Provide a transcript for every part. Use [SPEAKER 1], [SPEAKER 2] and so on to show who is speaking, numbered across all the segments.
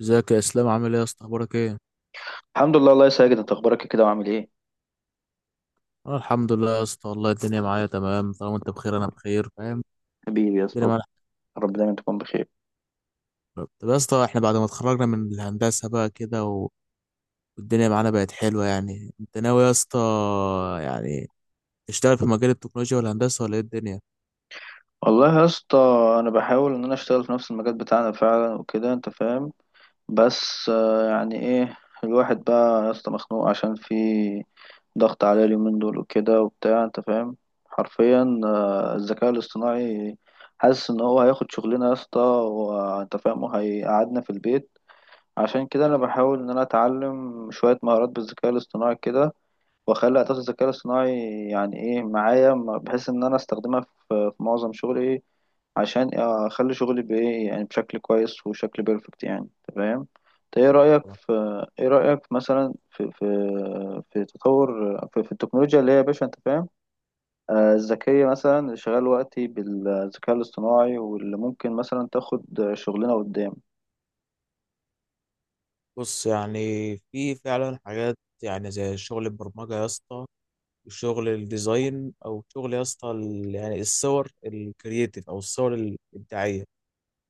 [SPEAKER 1] ازيك يا اسلام، عامل ايه يا اسطى، اخبارك ايه؟
[SPEAKER 2] الحمد لله، الله يسعدك. انت اخبارك ايه كده وعامل ايه؟
[SPEAKER 1] انا الحمد لله يا اسطى، والله الدنيا معايا تمام. طالما انت بخير انا بخير، فاهم.
[SPEAKER 2] حبيبي يا
[SPEAKER 1] الدنيا
[SPEAKER 2] اسطى.
[SPEAKER 1] معانا
[SPEAKER 2] رب دايما تكون بخير.
[SPEAKER 1] حلوة. طب يا اسطى، احنا بعد ما اتخرجنا من الهندسه بقى كده والدنيا معانا بقت حلوه. يعني انت ناوي يا اسطى، يعني تشتغل في مجال التكنولوجيا والهندسه ولا ايه الدنيا؟
[SPEAKER 2] والله يا اسطى، انا بحاول ان انا اشتغل في نفس المجال بتاعنا فعلا وكده، انت فاهم. بس يعني ايه، الواحد بقى يا اسطى مخنوق عشان في ضغط عليه اليومين دول وكده وبتاع، انت فاهم. حرفيا الذكاء الاصطناعي، حاسس ان هو هياخد شغلنا يا اسطى وانت فاهم، وهيقعدنا في البيت. عشان كده انا بحاول ان انا اتعلم شوية مهارات بالذكاء الاصطناعي كده، واخلي اعتقد الذكاء الاصطناعي يعني ايه معايا، بحيث ان انا استخدمها في معظم شغلي ايه، عشان اخلي شغلي بايه يعني بشكل كويس وشكل بيرفكت يعني. تمام. ايه رايك في ايه رايك مثلا في تطور في التكنولوجيا اللي هي يا باشا، انت فاهم. الذكيه مثلا اللي شغال وقتي بالذكاء الاصطناعي، واللي ممكن مثلا تاخد شغلنا قدام.
[SPEAKER 1] بص، يعني في فعلا حاجات، يعني زي شغل البرمجة يا اسطى، وشغل الديزاين، او شغل يا اسطى يعني الصور الكرييتيف او الصور الابداعية،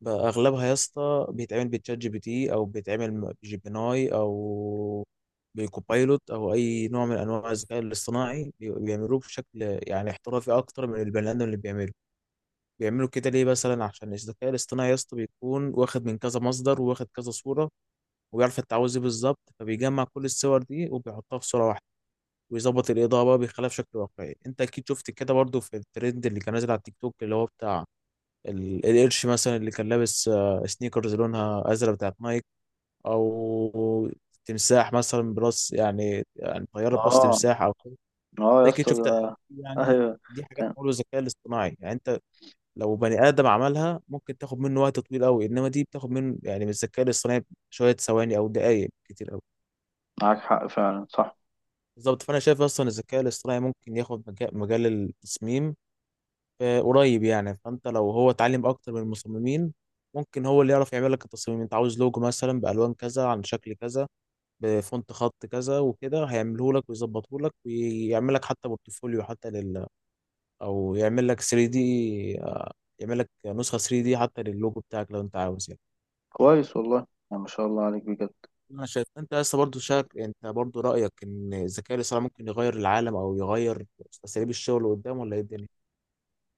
[SPEAKER 1] بقى اغلبها يا اسطى بيتعمل بتشات جي بي تي او بيتعمل بجيبناي او بكوبايلوت او اي نوع من انواع الذكاء الاصطناعي بيعملوه بشكل يعني احترافي اكتر من البني ادم اللي بيعمله. بيعملوا كده ليه؟ مثلا عشان الذكاء الاصطناعي يا اسطى بيكون واخد من كذا مصدر وواخد كذا صوره، وبيعرف انت عاوز ايه بالظبط، فبيجمع كل الصور دي وبيحطها في صوره واحده، ويظبط الاضاءه بقى، بيخليها بشكل واقعي. انت اكيد شفت كده برضو في الترند اللي كان نازل على التيك توك، اللي هو بتاع القرش مثلا اللي كان لابس سنيكرز لونها ازرق بتاعت نايك، او تمساح مثلا براس، يعني طياره براس
[SPEAKER 2] اه،
[SPEAKER 1] تمساح او كده.
[SPEAKER 2] اه
[SPEAKER 1] انت
[SPEAKER 2] يا
[SPEAKER 1] اكيد
[SPEAKER 2] اسطى،
[SPEAKER 1] شفت الحاجات دي يعني.
[SPEAKER 2] ايوه،
[SPEAKER 1] دي حاجات
[SPEAKER 2] كان
[SPEAKER 1] معموله بالذكاء الاصطناعي، يعني انت لو بني ادم عملها ممكن تاخد منه وقت طويل قوي، انما دي بتاخد منه، يعني من الذكاء الاصطناعي، شويه ثواني او دقائق كتير قوي.
[SPEAKER 2] معاك حق فعلا، صح.
[SPEAKER 1] بالظبط. فانا شايف اصلا الذكاء الاصطناعي ممكن ياخد مجال التصميم قريب يعني. فانت لو هو اتعلم اكتر من المصممين، ممكن هو اللي يعرف يعمل لك التصميم. انت عاوز لوجو مثلا بالوان كذا، عن شكل كذا، بفونت خط كذا، وكده هيعمله لك ويظبطه لك، ويعمل لك حتى بورتفوليو حتى لل، او يعمل لك 3D دي، يعمل لك نسخه 3D دي حتى للوجو بتاعك لو انت عاوز يعني.
[SPEAKER 2] كويس والله. يعني ما شاء الله عليك بجد.
[SPEAKER 1] انا شايف انت لسه برضه شاك، انت برضه رايك ان الذكاء الاصطناعي ممكن يغير العالم او يغير اساليب الشغل قدام ولا ايه الدنيا؟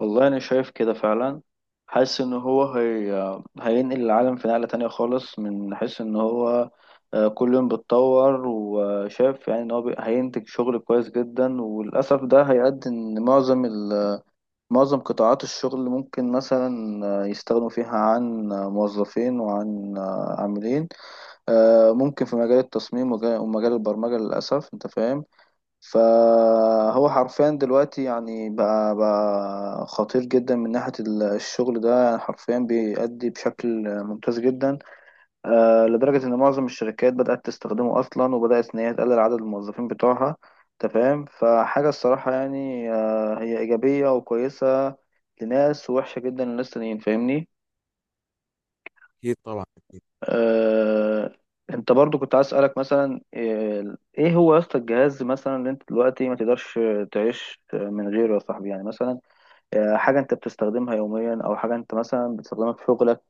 [SPEAKER 2] والله انا شايف كده فعلا. حاسس ان هو هينقل العالم في نقلة تانية خالص، من حيث ان هو كل يوم بيتطور، وشايف يعني ان هو هينتج شغل كويس جدا. وللاسف ده هيؤدي ان معظم معظم قطاعات الشغل ممكن مثلا يستغنوا فيها عن موظفين، وعن عاملين. ممكن في مجال التصميم ومجال البرمجة للاسف، انت فاهم. فهو حرفيا دلوقتي يعني بقى خطير جدا من ناحية الشغل ده، يعني حرفيا بيأدي بشكل ممتاز جدا. لدرجة إن معظم الشركات بدأت تستخدمه أصلا، وبدأت إن هي تقلل عدد الموظفين بتوعها. تمام. فحاجة الصراحة يعني هي إيجابية وكويسة لناس، ووحشة جدا لناس تانيين، فاهمني.
[SPEAKER 1] اكيد طبعا.
[SPEAKER 2] آه، انت برضو كنت عايز اسالك مثلا ايه هو يا اسطى الجهاز مثلا اللي انت دلوقتي ما تقدرش تعيش من غيره يا صاحبي، يعني مثلا حاجه انت بتستخدمها يوميا، او حاجه انت مثلا بتستخدمها في شغلك.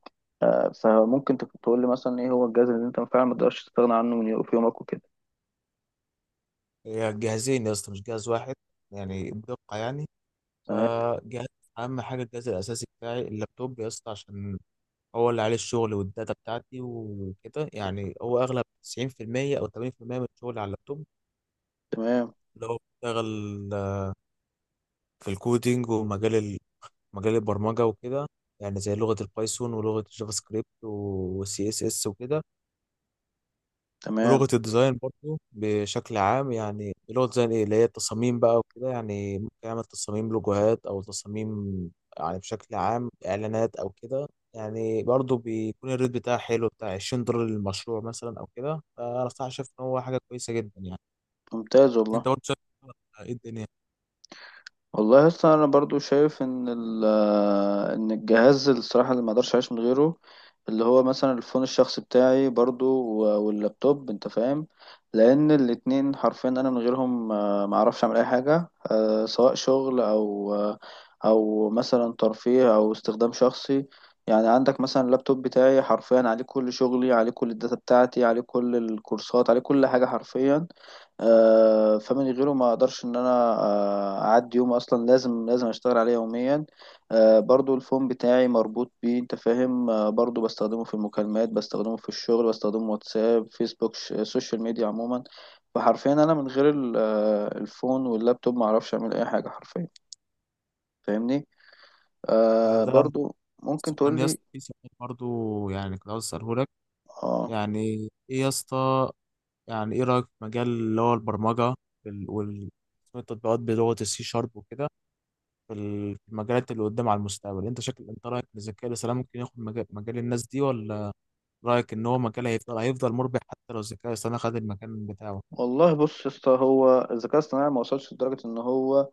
[SPEAKER 2] فممكن تقول لي مثلا ايه هو الجهاز اللي انت فعلا ما تقدرش تستغنى عنه في يومك وكده.
[SPEAKER 1] هي جهازين يا اسطى، مش جهاز واحد، يعني بدقة يعني.
[SPEAKER 2] تمام،
[SPEAKER 1] فجهاز، أهم حاجة الجهاز الأساسي بتاعي اللابتوب يا اسطى، عشان هو اللي عليه الشغل والداتا بتاعتي وكده. يعني هو أغلب 90% أو 80% من شغلي على اللابتوب،
[SPEAKER 2] تمام،
[SPEAKER 1] اللي هو بشتغل في الكودينج ومجال مجال البرمجة وكده، يعني زي لغة البايثون ولغة الجافا سكريبت والسي اس اس وكده،
[SPEAKER 2] تمام.
[SPEAKER 1] ولغة الديزاين برضو بشكل عام. يعني لغة الديزاين ايه؟ اللي هي التصاميم بقى وكده، يعني ممكن اعمل تصاميم لوجوهات او تصاميم يعني بشكل عام اعلانات او كده. يعني برضو بيكون الريت بتاعها حلو، بتاع 20 دولار للمشروع مثلا او كده. فانا صراحة شايف ان هو حاجة كويسة جدا يعني.
[SPEAKER 2] ممتاز
[SPEAKER 1] انت
[SPEAKER 2] والله.
[SPEAKER 1] برضو شايف ايه الدنيا
[SPEAKER 2] والله اصلا انا برضو شايف ان ان الجهاز الصراحه اللي ما اقدرش اعيش من غيره، اللي هو مثلا الفون الشخصي بتاعي برضو، واللابتوب، انت فاهم. لان الاتنين حرفيا انا من غيرهم ما اعرفش اعمل اي حاجه، سواء شغل، او او مثلا ترفيه او استخدام شخصي. يعني عندك مثلا، اللابتوب بتاعي حرفيا عليه كل شغلي، عليه كل الداتا بتاعتي، عليه كل الكورسات، عليه كل حاجه حرفيا. فمن غيره ما اقدرش ان انا اعدي يوم اصلا. لازم لازم اشتغل عليه يوميا. برضو الفون بتاعي مربوط بيه، انت فاهم. برضو بستخدمه في المكالمات، بستخدمه في الشغل، بستخدمه واتساب، فيسبوك، السوشيال ميديا عموما. فحرفيا انا من غير الفون واللابتوب، ما اعرفش اعمل اي حاجة حرفيا، فاهمني.
[SPEAKER 1] يعني؟ ده
[SPEAKER 2] برضو ممكن
[SPEAKER 1] كان
[SPEAKER 2] تقول
[SPEAKER 1] يا
[SPEAKER 2] لي.
[SPEAKER 1] اسطى في سؤال برضو، يعني كنت عاوز اساله لك
[SPEAKER 2] اه.
[SPEAKER 1] يعني، ايه يا اسطى، يعني ايه رايك في مجال اللي هو البرمجة وال وال- تطبيقات بلغة السي شارب وكده، في في المجالات اللي قدام على المستقبل، انت شكل انت رايك ان الذكاء الاصطناعي ممكن ياخد مجال الناس دي، ولا رايك ان هو مجال هيفضل مربح حتى لو الذكاء الاصطناعي خد المكان بتاعه؟
[SPEAKER 2] والله بص يا اسطى، هو الذكاء الاصطناعي ما وصلش لدرجة ان هو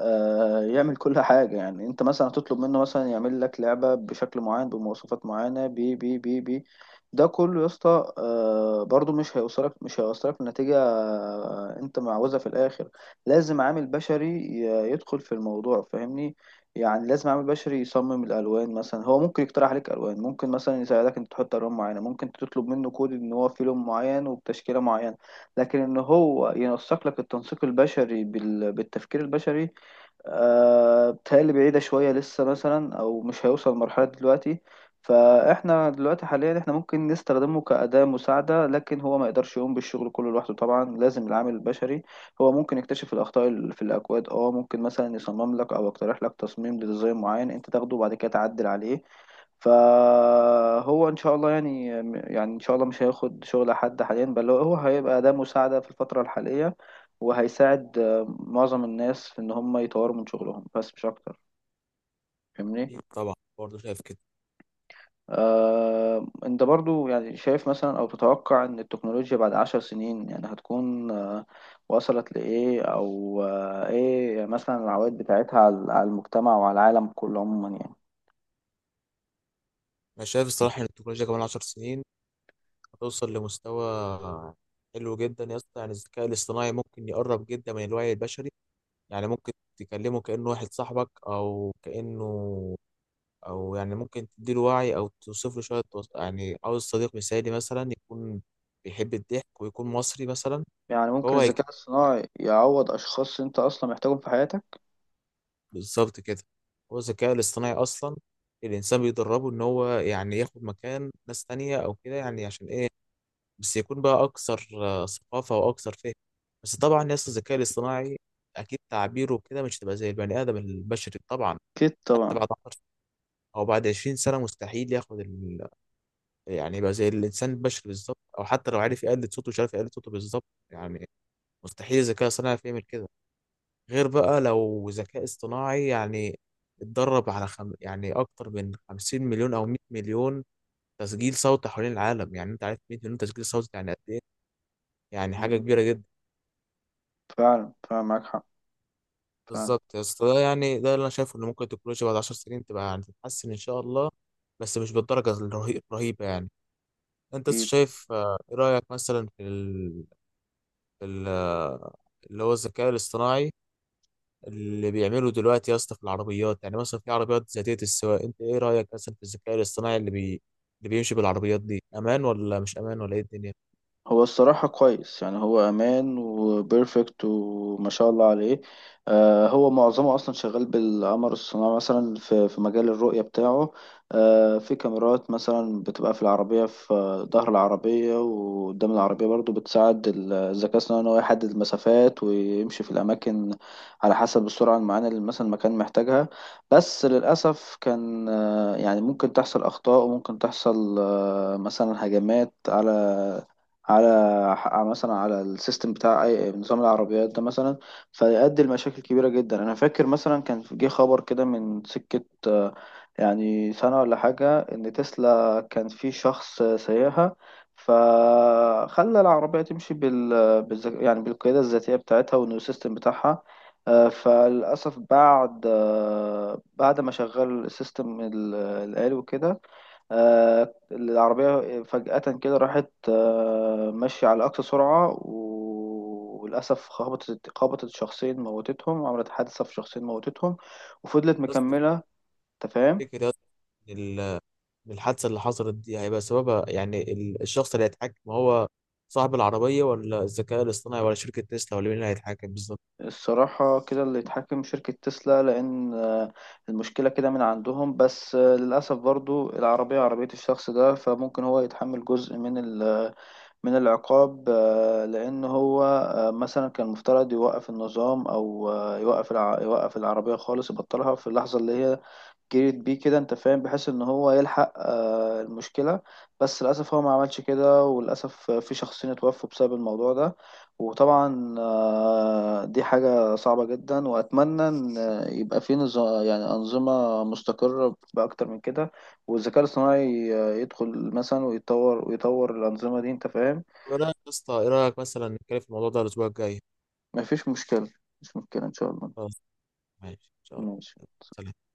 [SPEAKER 2] يعمل كل حاجة. يعني انت مثلا هتطلب منه مثلا يعمل لك لعبة بشكل معين، بمواصفات معينة، بي بي بي بي ده كله يا اسطى برضو مش هيوصلك لنتيجة انت معوزها في الاخر. لازم عامل بشري يدخل في الموضوع، فاهمني. يعني لازم عامل بشري يصمم الالوان مثلا. هو ممكن يقترح عليك الوان، ممكن مثلا يساعدك انت تحط الوان معينة، ممكن تطلب منه كود ان هو في لون معين وبتشكيلة معينة. لكن ان هو ينسق لك التنسيق البشري بالتفكير البشري، بتهيألي بعيدة شوية لسه مثلا، أو مش هيوصل لمرحلة دلوقتي. فإحنا دلوقتي حاليا، إحنا ممكن نستخدمه كأداة مساعدة، لكن هو ما يقدرش يقوم بالشغل كله لوحده. طبعا لازم العامل البشري. هو ممكن يكتشف الأخطاء اللي في الأكواد. ممكن مثلا يصمم لك، أو يقترح لك تصميم لديزاين معين، أنت تاخده وبعد كده تعدل عليه. فهو ان شاء الله يعني ان شاء الله مش هياخد شغل حد حاليا، بل هو هيبقى ده مساعدة في الفترة الحالية، وهيساعد معظم الناس في ان هم يطوروا من شغلهم، بس مش اكتر، فاهمني.
[SPEAKER 1] أكيد طبعا، برضه شايف كده.
[SPEAKER 2] انت برضو يعني شايف مثلا او تتوقع ان التكنولوجيا بعد 10 سنين يعني هتكون وصلت لإيه، او ايه مثلا العوائد بتاعتها على المجتمع وعلى العالم كله عموما يعني.
[SPEAKER 1] انا شايف الصراحه ان التكنولوجيا كمان 10 سنين هتوصل لمستوى حلو جدا يا اسطى. يعني الذكاء الاصطناعي ممكن يقرب جدا من الوعي البشري. يعني ممكن تكلمه كانه واحد صاحبك او كانه، او يعني ممكن تديله وعي او توصف له شويه يعني عاوز صديق مثالي مثلا يكون بيحب الضحك ويكون مصري مثلا.
[SPEAKER 2] يعني ممكن
[SPEAKER 1] هو هيك
[SPEAKER 2] الذكاء الصناعي يعوض اشخاص انت اصلا محتاجهم في حياتك؟
[SPEAKER 1] بالظبط كده. هو الذكاء الاصطناعي اصلا الانسان بيدربه ان هو يعني ياخد مكان ناس تانية او كده، يعني عشان ايه؟ بس يكون بقى اكثر ثقافه واكثر فهم. بس طبعا يا اسطى الذكاء الاصطناعي اكيد تعبيره كده مش هتبقى زي البني ادم البشري طبعا.
[SPEAKER 2] أكيد
[SPEAKER 1] حتى
[SPEAKER 2] طبعا.
[SPEAKER 1] بعد 10 او بعد 20 سنه مستحيل ياخد، يعني يبقى زي الانسان البشري بالظبط، او حتى لو عارف يقلد صوته، مش عارف يقلد صوته بالظبط يعني. مستحيل الذكاء الصناعي يعرف يعمل كده، غير بقى لو ذكاء اصطناعي يعني اتدرب على يعني اكتر من 50 مليون او 100 مليون تسجيل صوت حوالين العالم. يعني انت عارف 100 مليون تسجيل صوت يعني قد ايه؟ يعني حاجه
[SPEAKER 2] مم.
[SPEAKER 1] كبيره جدا.
[SPEAKER 2] فعلا فعلا معاك حق فعلا.
[SPEAKER 1] بالظبط يا اسطى، ده يعني ده اللي انا شايفه، ان ممكن التكنولوجيا بعد 10 سنين تبقى يعني تتحسن ان شاء الله، بس مش بالدرجه الرهيبه يعني. انت لسه
[SPEAKER 2] أكيد.
[SPEAKER 1] شايف ايه رايك مثلا في ال- اللي هو الذكاء الاصطناعي اللي بيعمله دلوقتي يا اسطى في العربيات، يعني مثلا في عربيات ذاتية السواقة، انت ايه رأيك مثلا في الذكاء الاصطناعي اللي بيمشي بالعربيات دي، امان ولا مش امان ولا ايه الدنيا؟
[SPEAKER 2] هو الصراحة كويس، يعني هو أمان وبيرفكت وما شاء الله عليه. هو معظمه أصلا شغال بالقمر الصناعي، مثلا في مجال الرؤية بتاعه. في كاميرات مثلا بتبقى في العربية، في ظهر العربية وقدام العربية، برضو بتساعد الذكاء الصناعي إن هو يحدد المسافات ويمشي في الأماكن، على حسب السرعة المعينة اللي مثلا المكان محتاجها. بس للأسف كان يعني ممكن تحصل أخطاء، وممكن تحصل مثلا هجمات على على مثلا على السيستم بتاع نظام العربيات ده مثلا، فيؤدي لمشاكل كبيرة جدا. انا فاكر مثلا جه خبر كده من سكة يعني سنة ولا حاجة، ان تسلا كان في شخص سايقها، فخلى العربية تمشي يعني بالقيادة الذاتية بتاعتها والنيو سيستم بتاعها. فللأسف بعد ما شغل السيستم الآلي وكده، العربية فجأة كده راحت ماشية على أقصى سرعة، وللأسف خبطت شخصين موتتهم، عملت حادثة في شخصين موتتهم، وفضلت
[SPEAKER 1] الناس
[SPEAKER 2] مكملة. تفهم؟
[SPEAKER 1] بتفتكر يا اسطى ان إن الحادثة اللي حصلت دي هيبقى سببها يعني الشخص اللي هيتحكم، هو صاحب العربية ولا الذكاء الاصطناعي ولا شركة تسلا ولا مين اللي هيتحكم بالظبط؟
[SPEAKER 2] الصراحة كده، اللي اتحكم شركة تسلا، لأن المشكلة كده من عندهم. بس للأسف برضو العربية عربية الشخص ده، فممكن هو يتحمل جزء من العقاب، لأن هو مثلا كان المفترض يوقف النظام، أو يوقف العربية خالص، يبطلها في اللحظة اللي هي جريت بيه كده، أنت فاهم، بحيث إن هو يلحق المشكلة. بس للأسف هو ما عملش كده، وللأسف في شخصين اتوفوا بسبب الموضوع ده. وطبعا دي حاجة صعبة جدا، وأتمنى إن يبقى في نظام، يعني أنظمة مستقرة بأكتر من كده. والذكاء الاصطناعي يدخل مثلا ويطور ويطور الأنظمة دي، أنت فاهم.
[SPEAKER 1] ايه رأيك يا اسطى؟ ايه رأيك مثلا نتكلم في الموضوع ده الاسبوع الجاي؟
[SPEAKER 2] مفيش مشكلة. مفيش مشكلة إن شاء الله.
[SPEAKER 1] خلاص، ماشي ان شاء الله.
[SPEAKER 2] ماشي.
[SPEAKER 1] سلام.